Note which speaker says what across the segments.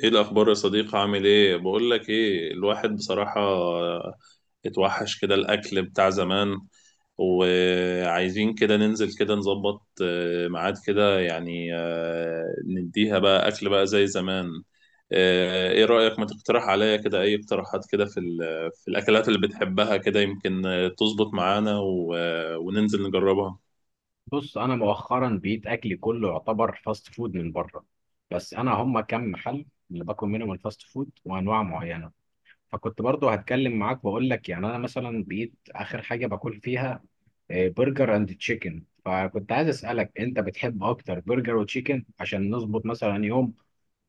Speaker 1: ايه الاخبار يا صديقي؟ عامل ايه؟ بقول لك ايه، الواحد بصراحة اتوحش كده الاكل بتاع زمان. وعايزين كده ننزل كده نظبط ميعاد كده يعني نديها بقى اكل بقى زي زمان. ايه رأيك؟ ما تقترح عليا كده اي اقتراحات كده في في الاكلات اللي بتحبها كده يمكن تظبط معانا وننزل نجربها.
Speaker 2: بص، انا مؤخرا بقيت اكلي كله يعتبر فاست فود من بره. بس انا هم كم محل اللي باكل منهم الفاست فود وانواع معينه. فكنت برضو هتكلم معاك واقول لك يعني انا مثلا بقيت اخر حاجه باكل فيها برجر اند تشيكن. فكنت عايز اسالك انت بتحب اكتر برجر وتشيكن عشان نظبط مثلا يوم.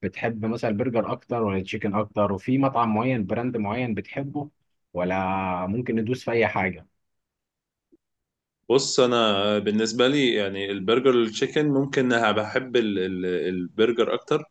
Speaker 2: بتحب مثلا برجر اكتر ولا تشيكن اكتر؟ وفي مطعم معين براند معين بتحبه، ولا ممكن ندوس في اي حاجه؟
Speaker 1: بص، انا بالنسبه لي يعني البرجر التشيكن، ممكن أنا بحب البرجر اكتر.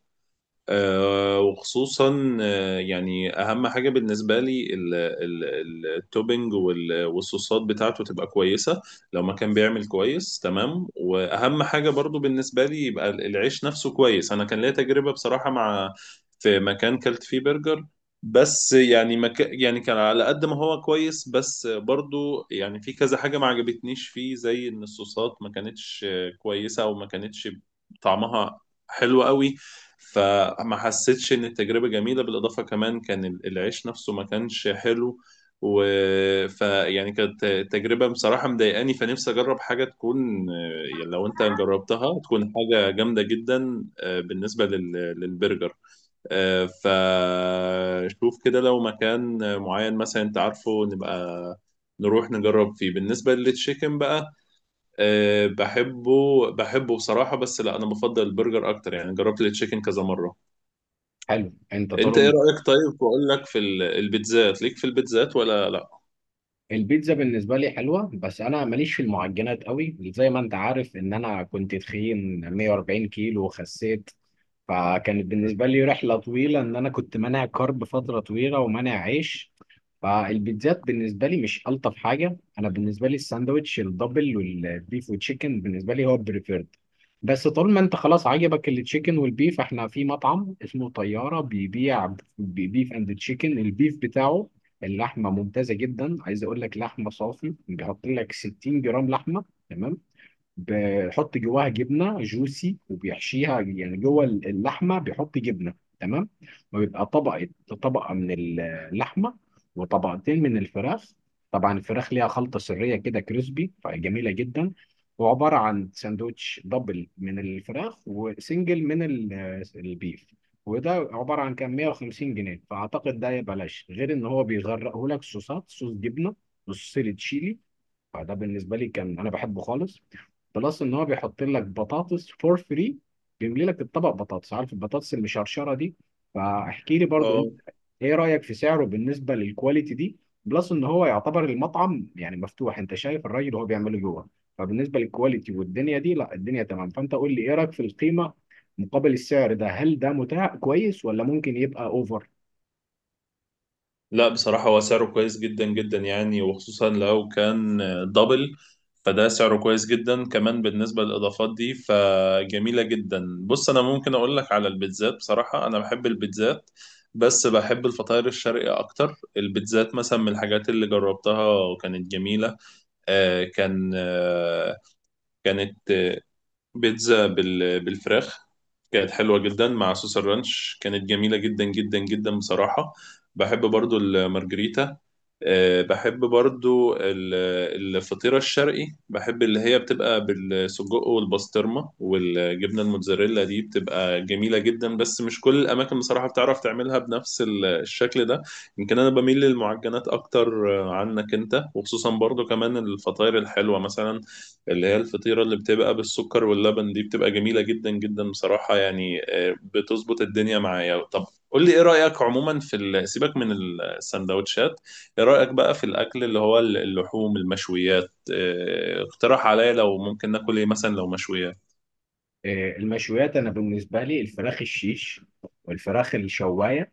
Speaker 1: وخصوصا يعني اهم حاجه بالنسبه لي التوبينج والصوصات بتاعته تبقى كويسه، لو ما كان بيعمل كويس تمام. واهم حاجه برضو بالنسبه لي يبقى العيش نفسه كويس. انا كان ليا تجربه بصراحه مع، في مكان كلت فيه برجر. بس يعني يعني كان على قد ما هو كويس، بس برضو يعني في كذا حاجه ما عجبتنيش فيه، زي ان الصوصات ما كانتش كويسه، او ما كانتش طعمها حلو قوي. فما حسيتش ان التجربه جميله، بالاضافه كمان كان العيش نفسه ما كانش حلو. و فيعني كانت تجربه بصراحه مضايقاني، فنفسي اجرب حاجه تكون يعني لو انت جربتها تكون حاجه جامده جدا. بالنسبه للبرجر. فشوف كده لو مكان معين مثلا انت عارفه نبقى نروح نجرب فيه. بالنسبة للتشيكن بقى، أه بحبه بحبه بصراحة، بس لا، أنا بفضل البرجر أكتر، يعني جربت التشيكن كذا مرة.
Speaker 2: حلو. انت
Speaker 1: انت ايه
Speaker 2: طول.
Speaker 1: رأيك؟ طيب، واقول لك في البيتزات، ليك في البيتزات ولا لا؟
Speaker 2: البيتزا بالنسبة لي حلوة، بس أنا ماليش في المعجنات قوي، زي ما أنت عارف إن أنا كنت تخين 140 كيلو وخسيت. فكانت بالنسبة لي رحلة طويلة، إن أنا كنت مانع كارب فترة طويلة ومانع عيش. فالبيتزات بالنسبة لي مش ألطف حاجة. أنا بالنسبة لي الساندوتش الدبل والبيف والتشيكن بالنسبة لي هو بريفيرد. بس طول ما أنت خلاص عجبك التشيكن والبيف، إحنا في مطعم اسمه طيارة بيبيع بيف أند تشيكن. البيف بتاعه اللحمة ممتازة جدا. عايز أقول لك لحمة صافي، بيحط لك 60 جرام لحمة. تمام. بيحط جواها جبنه جوسي وبيحشيها، يعني جوه اللحمه بيحط جبنه. تمام. وبيبقى طبقه، طبقه من اللحمه وطبقتين من الفراخ. طبعا الفراخ ليها خلطه سريه كده كريسبي، فجميله جدا. وعباره عن ساندوتش دبل من الفراخ وسنجل من البيف. وده عباره عن كام 150 جنيه، فاعتقد ده بلاش، غير ان هو بيغرقه لك صوصات، صوص جبنه وصوص تشيلي. فده بالنسبه لي كان انا بحبه خالص. بلس ان هو بيحط لك بطاطس فور فري، بيملي لك الطبق بطاطس، عارف البطاطس المشرشره دي. فاحكي لي برضو
Speaker 1: اه،
Speaker 2: انت، ايه رايك في سعره بالنسبه للكواليتي دي؟ بلس ان هو يعتبر المطعم يعني مفتوح، انت شايف الراجل وهو بيعمله جوه. فبالنسبه للكواليتي والدنيا دي، لا الدنيا تمام. فانت قول لي ايه رايك في القيمه مقابل السعر ده. هل ده متاح كويس ولا ممكن يبقى اوفر؟
Speaker 1: لا بصراحة، هو سعره كويس جدا جدا يعني، وخصوصا لو كان دبل، فده سعره كويس جدا. كمان بالنسبة للإضافات دي فجميلة جدا. بص، أنا ممكن أقول لك على البيتزات، بصراحة أنا بحب البيتزات، بس بحب الفطاير الشرقي أكتر. البيتزات مثلا من الحاجات اللي جربتها وكانت جميلة، آه كان آه كانت بيتزا بالفراخ، كانت حلوة جدا مع صوص الرانش، كانت جميلة جدا جدا جدا بصراحة. بحب برضو المارجريتا. بحب برضو الفطيرة الشرقي، بحب اللي هي بتبقى بالسجق والبسطرمة والجبنة الموتزاريلا. دي بتبقى جميلة جدا، بس مش كل الأماكن بصراحة بتعرف تعملها بنفس الشكل ده. يمكن أنا بميل للمعجنات أكتر عنك أنت، وخصوصا برضو كمان الفطاير الحلوة، مثلا اللي هي الفطيرة اللي بتبقى بالسكر واللبن، دي بتبقى جميلة جدا جدا بصراحة، يعني بتظبط الدنيا معايا. طب قول لي ايه رأيك عموما في سيبك من السندوتشات، ايه رأيك بقى في الأكل اللي هو اللحوم المشويات؟ اقترح عليا لو ممكن ناكل ايه مثلا لو مشويات.
Speaker 2: المشويات انا بالنسبه لي الفراخ الشيش والفراخ الشوايه.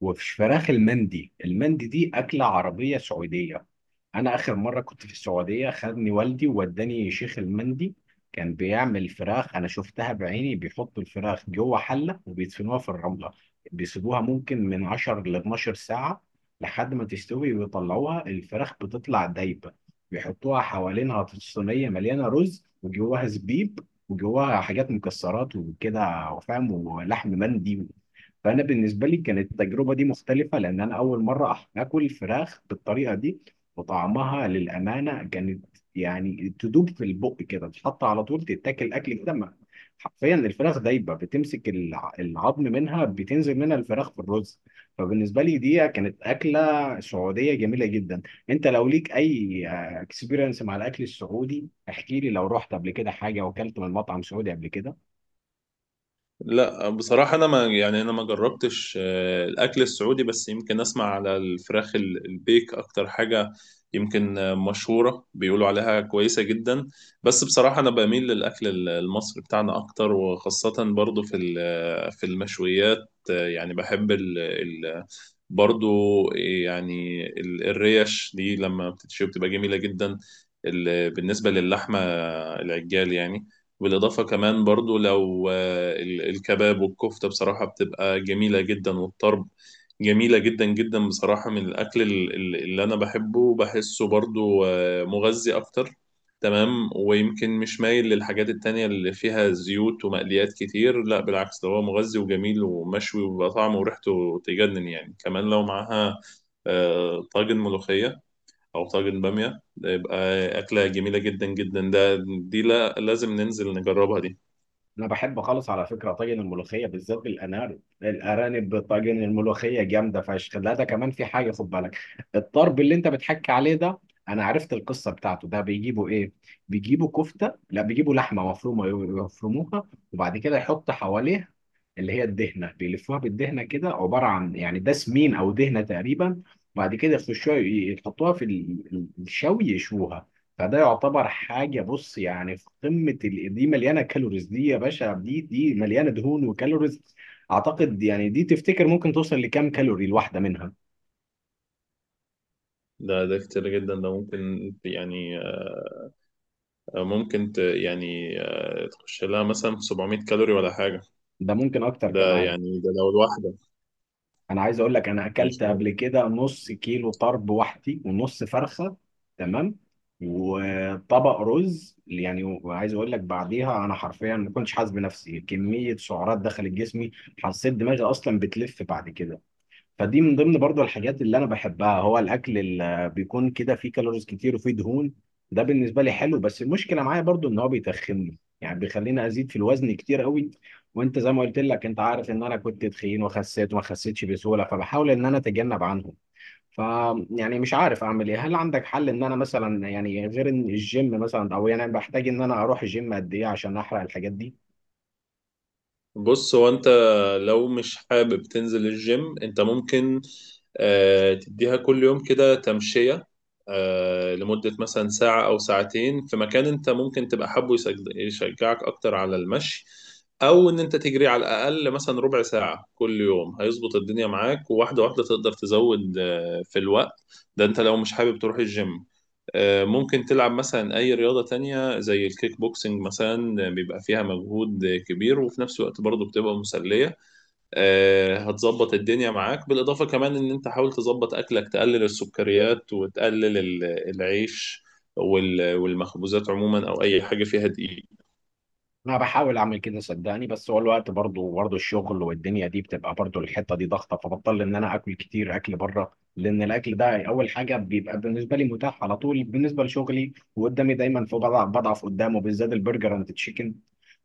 Speaker 2: وفي فراخ المندي. المندي دي أكلة عربية سعودية. أنا آخر مرة كنت في السعودية خدني والدي ووداني شيخ المندي. كان بيعمل فراخ، أنا شفتها بعيني، بيحطوا الفراخ جوه حلة وبيدفنوها في الرملة. بيسيبوها ممكن من 10 ل 12 ساعة لحد ما تستوي ويطلعوها. الفراخ بتطلع دايبة، بيحطوها حوالينها في صينية مليانة رز وجواها زبيب وجواها حاجات مكسرات وكده وفاهم، ولحم مندي. فانا بالنسبه لي كانت التجربه دي مختلفه، لان انا اول مره اكل فراخ بالطريقه دي. وطعمها للامانه كانت يعني تدوب في البق كده، تحط على طول تتاكل، اكل كده حرفيا الفراخ دايبه، بتمسك العظم منها بتنزل منها الفراخ في الرز. فبالنسبه لي دي كانت اكله سعوديه جميله جدا. انت لو ليك اي اكسبيرينس مع الاكل السعودي احكي لي، لو رحت قبل كده حاجه واكلت من مطعم سعودي قبل كده.
Speaker 1: لا بصراحة، أنا ما يعني، أنا ما جربتش الأكل السعودي، بس يمكن أسمع على الفراخ البيك أكتر حاجة، يمكن مشهورة، بيقولوا عليها كويسة جدا. بس بصراحة أنا بميل للأكل المصري بتاعنا أكتر، وخاصة برضو في في المشويات يعني بحب ال ال برضو، يعني الريش دي لما بتتشوي بتبقى جميلة جدا. بالنسبة للحمة العجال يعني، بالإضافة كمان برضو لو الكباب والكفتة بصراحة بتبقى جميلة جدا، والطرب جميلة جدا جدا بصراحة، من الأكل اللي أنا بحبه وبحسه برضو مغذي أكتر. تمام، ويمكن مش مايل للحاجات التانية اللي فيها زيوت ومقليات كتير. لا بالعكس، ده هو مغذي وجميل ومشوي وبيبقى طعمه وريحته تجنن، يعني كمان لو معاها طاجن ملوخية او طاجن باميه، ده يبقى اكله جميله جدا جدا. ده دي لا، لازم ننزل نجربها دي.
Speaker 2: انا بحب خالص على فكره طاجن الملوخيه، بالذات بالارانب. الارانب طاجن الملوخيه جامده فشخ. لا، ده كمان في حاجه، خد بالك، الطرب اللي انت بتحكي عليه ده انا عرفت القصه بتاعته. ده بيجيبوا ايه؟ بيجيبوا كفته، لا بيجيبوا لحمه مفرومه، يفرموها وبعد كده يحط حواليها اللي هي الدهنه، بيلفوها بالدهنه كده، عباره عن يعني ده سمين او دهنه تقريبا. بعد كده يخشوها يحطوها في الشوي، يشوها. فده يعتبر حاجه، بص يعني في قمه دي، مليانه كالوريز. دي يا باشا، دي مليانه دهون وكالوريز. اعتقد يعني دي تفتكر ممكن توصل لكام كالوري الواحده منها؟
Speaker 1: ده كتير جدا، ده ممكن يعني ممكن يعني تخش لها مثلا في 700 كالوري ولا حاجه،
Speaker 2: ده ممكن اكتر
Speaker 1: ده
Speaker 2: كمان.
Speaker 1: يعني ده لو الواحده
Speaker 2: انا عايز اقول لك، انا
Speaker 1: مش.
Speaker 2: اكلت قبل كده نص كيلو طرب وحدي ونص فرخه. تمام. وطبق رز يعني. وعايز اقول لك بعديها انا حرفيا ما كنتش حاسس بنفسي، كميه سعرات دخلت جسمي. حسيت دماغي اصلا بتلف بعد كده. فدي من ضمن برضو الحاجات اللي انا بحبها، هو الاكل اللي بيكون كده فيه كالوريز كتير وفيه دهون. ده بالنسبه لي حلو، بس المشكله معايا برضو ان هو بيتخنني، يعني بيخليني ازيد في الوزن كتير قوي. وانت زي ما قلت لك، انت عارف ان انا كنت تخين وخسيت وما خسيتش بسهوله، فبحاول ان انا اتجنب عنهم. ف يعني مش عارف اعمل ايه. هل عندك حل، ان انا مثلا يعني غير ان الجيم، مثلا او يعني بحتاج ان انا اروح الجيم قد ايه عشان احرق الحاجات دي؟
Speaker 1: بص، هو انت لو مش حابب تنزل الجيم، انت ممكن تديها كل يوم كده تمشية، لمدة مثلا ساعة أو ساعتين، في مكان انت ممكن تبقى حابه يشجعك أكتر على المشي، أو إن أنت تجري على الأقل مثلا ربع ساعة كل يوم، هيظبط الدنيا معاك. وواحدة واحدة تقدر تزود في الوقت ده، انت لو مش حابب تروح الجيم، ممكن تلعب مثلا أي رياضة تانية زي الكيك بوكسنج، مثلا بيبقى فيها مجهود كبير وفي نفس الوقت برضه بتبقى مسلية. هتظبط الدنيا معاك، بالإضافة كمان إن أنت حاول تظبط أكلك، تقلل السكريات وتقلل العيش والمخبوزات عموما، أو أي حاجة فيها دقيق.
Speaker 2: انا بحاول اعمل كده صدقني، بس هو الوقت برضه الشغل والدنيا دي، بتبقى برضه الحته دي ضغطه، فبضطر ان انا اكل كتير، اكل بره. لان الاكل ده اول حاجه بيبقى بالنسبه لي متاح على طول بالنسبه لشغلي، وقدامي دايما، في بضعف قدامه، بالذات البرجر اند تشيكن.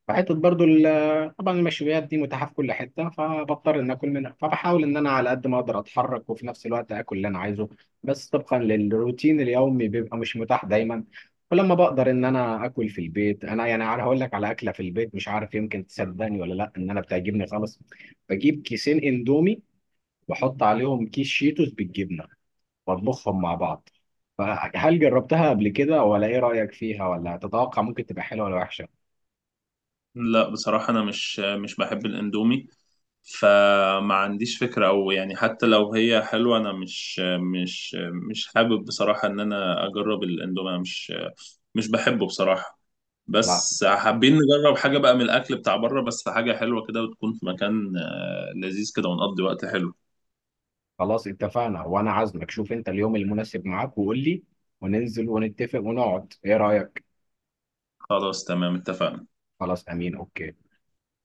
Speaker 2: وحتة برضو، طبعا المشويات دي متاحة في كل حتة، فبضطر إن آكل منها. فبحاول إن أنا على قد ما أقدر أتحرك وفي نفس الوقت آكل اللي أنا عايزه. بس طبقا للروتين اليومي بيبقى مش متاح دايما. ولما بقدر إن أنا آكل في البيت، أنا يعني عارف هقول لك على أكلة في البيت، مش عارف يمكن تصدقني ولا لأ، إن أنا بتعجبني خالص. بجيب كيسين إندومي وأحط عليهم كيس شيتوس بالجبنة وأطبخهم مع بعض. فهل جربتها قبل كده، ولا إيه رأيك فيها، ولا تتوقع ممكن تبقى حلوة ولا وحشة؟
Speaker 1: لا بصراحة، أنا مش بحب الأندومي، فما عنديش فكرة. أو يعني حتى لو هي حلوة، أنا مش حابب بصراحة إن أنا أجرب الأندومي. أنا مش بحبه بصراحة.
Speaker 2: لا،
Speaker 1: بس حابين نجرب حاجة بقى من الأكل بتاع بره، بس حاجة حلوة كده وتكون في مكان لذيذ كده، ونقضي وقت حلو.
Speaker 2: خلاص اتفقنا، وانا عازمك. شوف انت اليوم المناسب معاك وقول لي، وننزل ونتفق ونقعد. ايه رأيك؟
Speaker 1: خلاص تمام، اتفقنا.
Speaker 2: خلاص، امين، اوكي.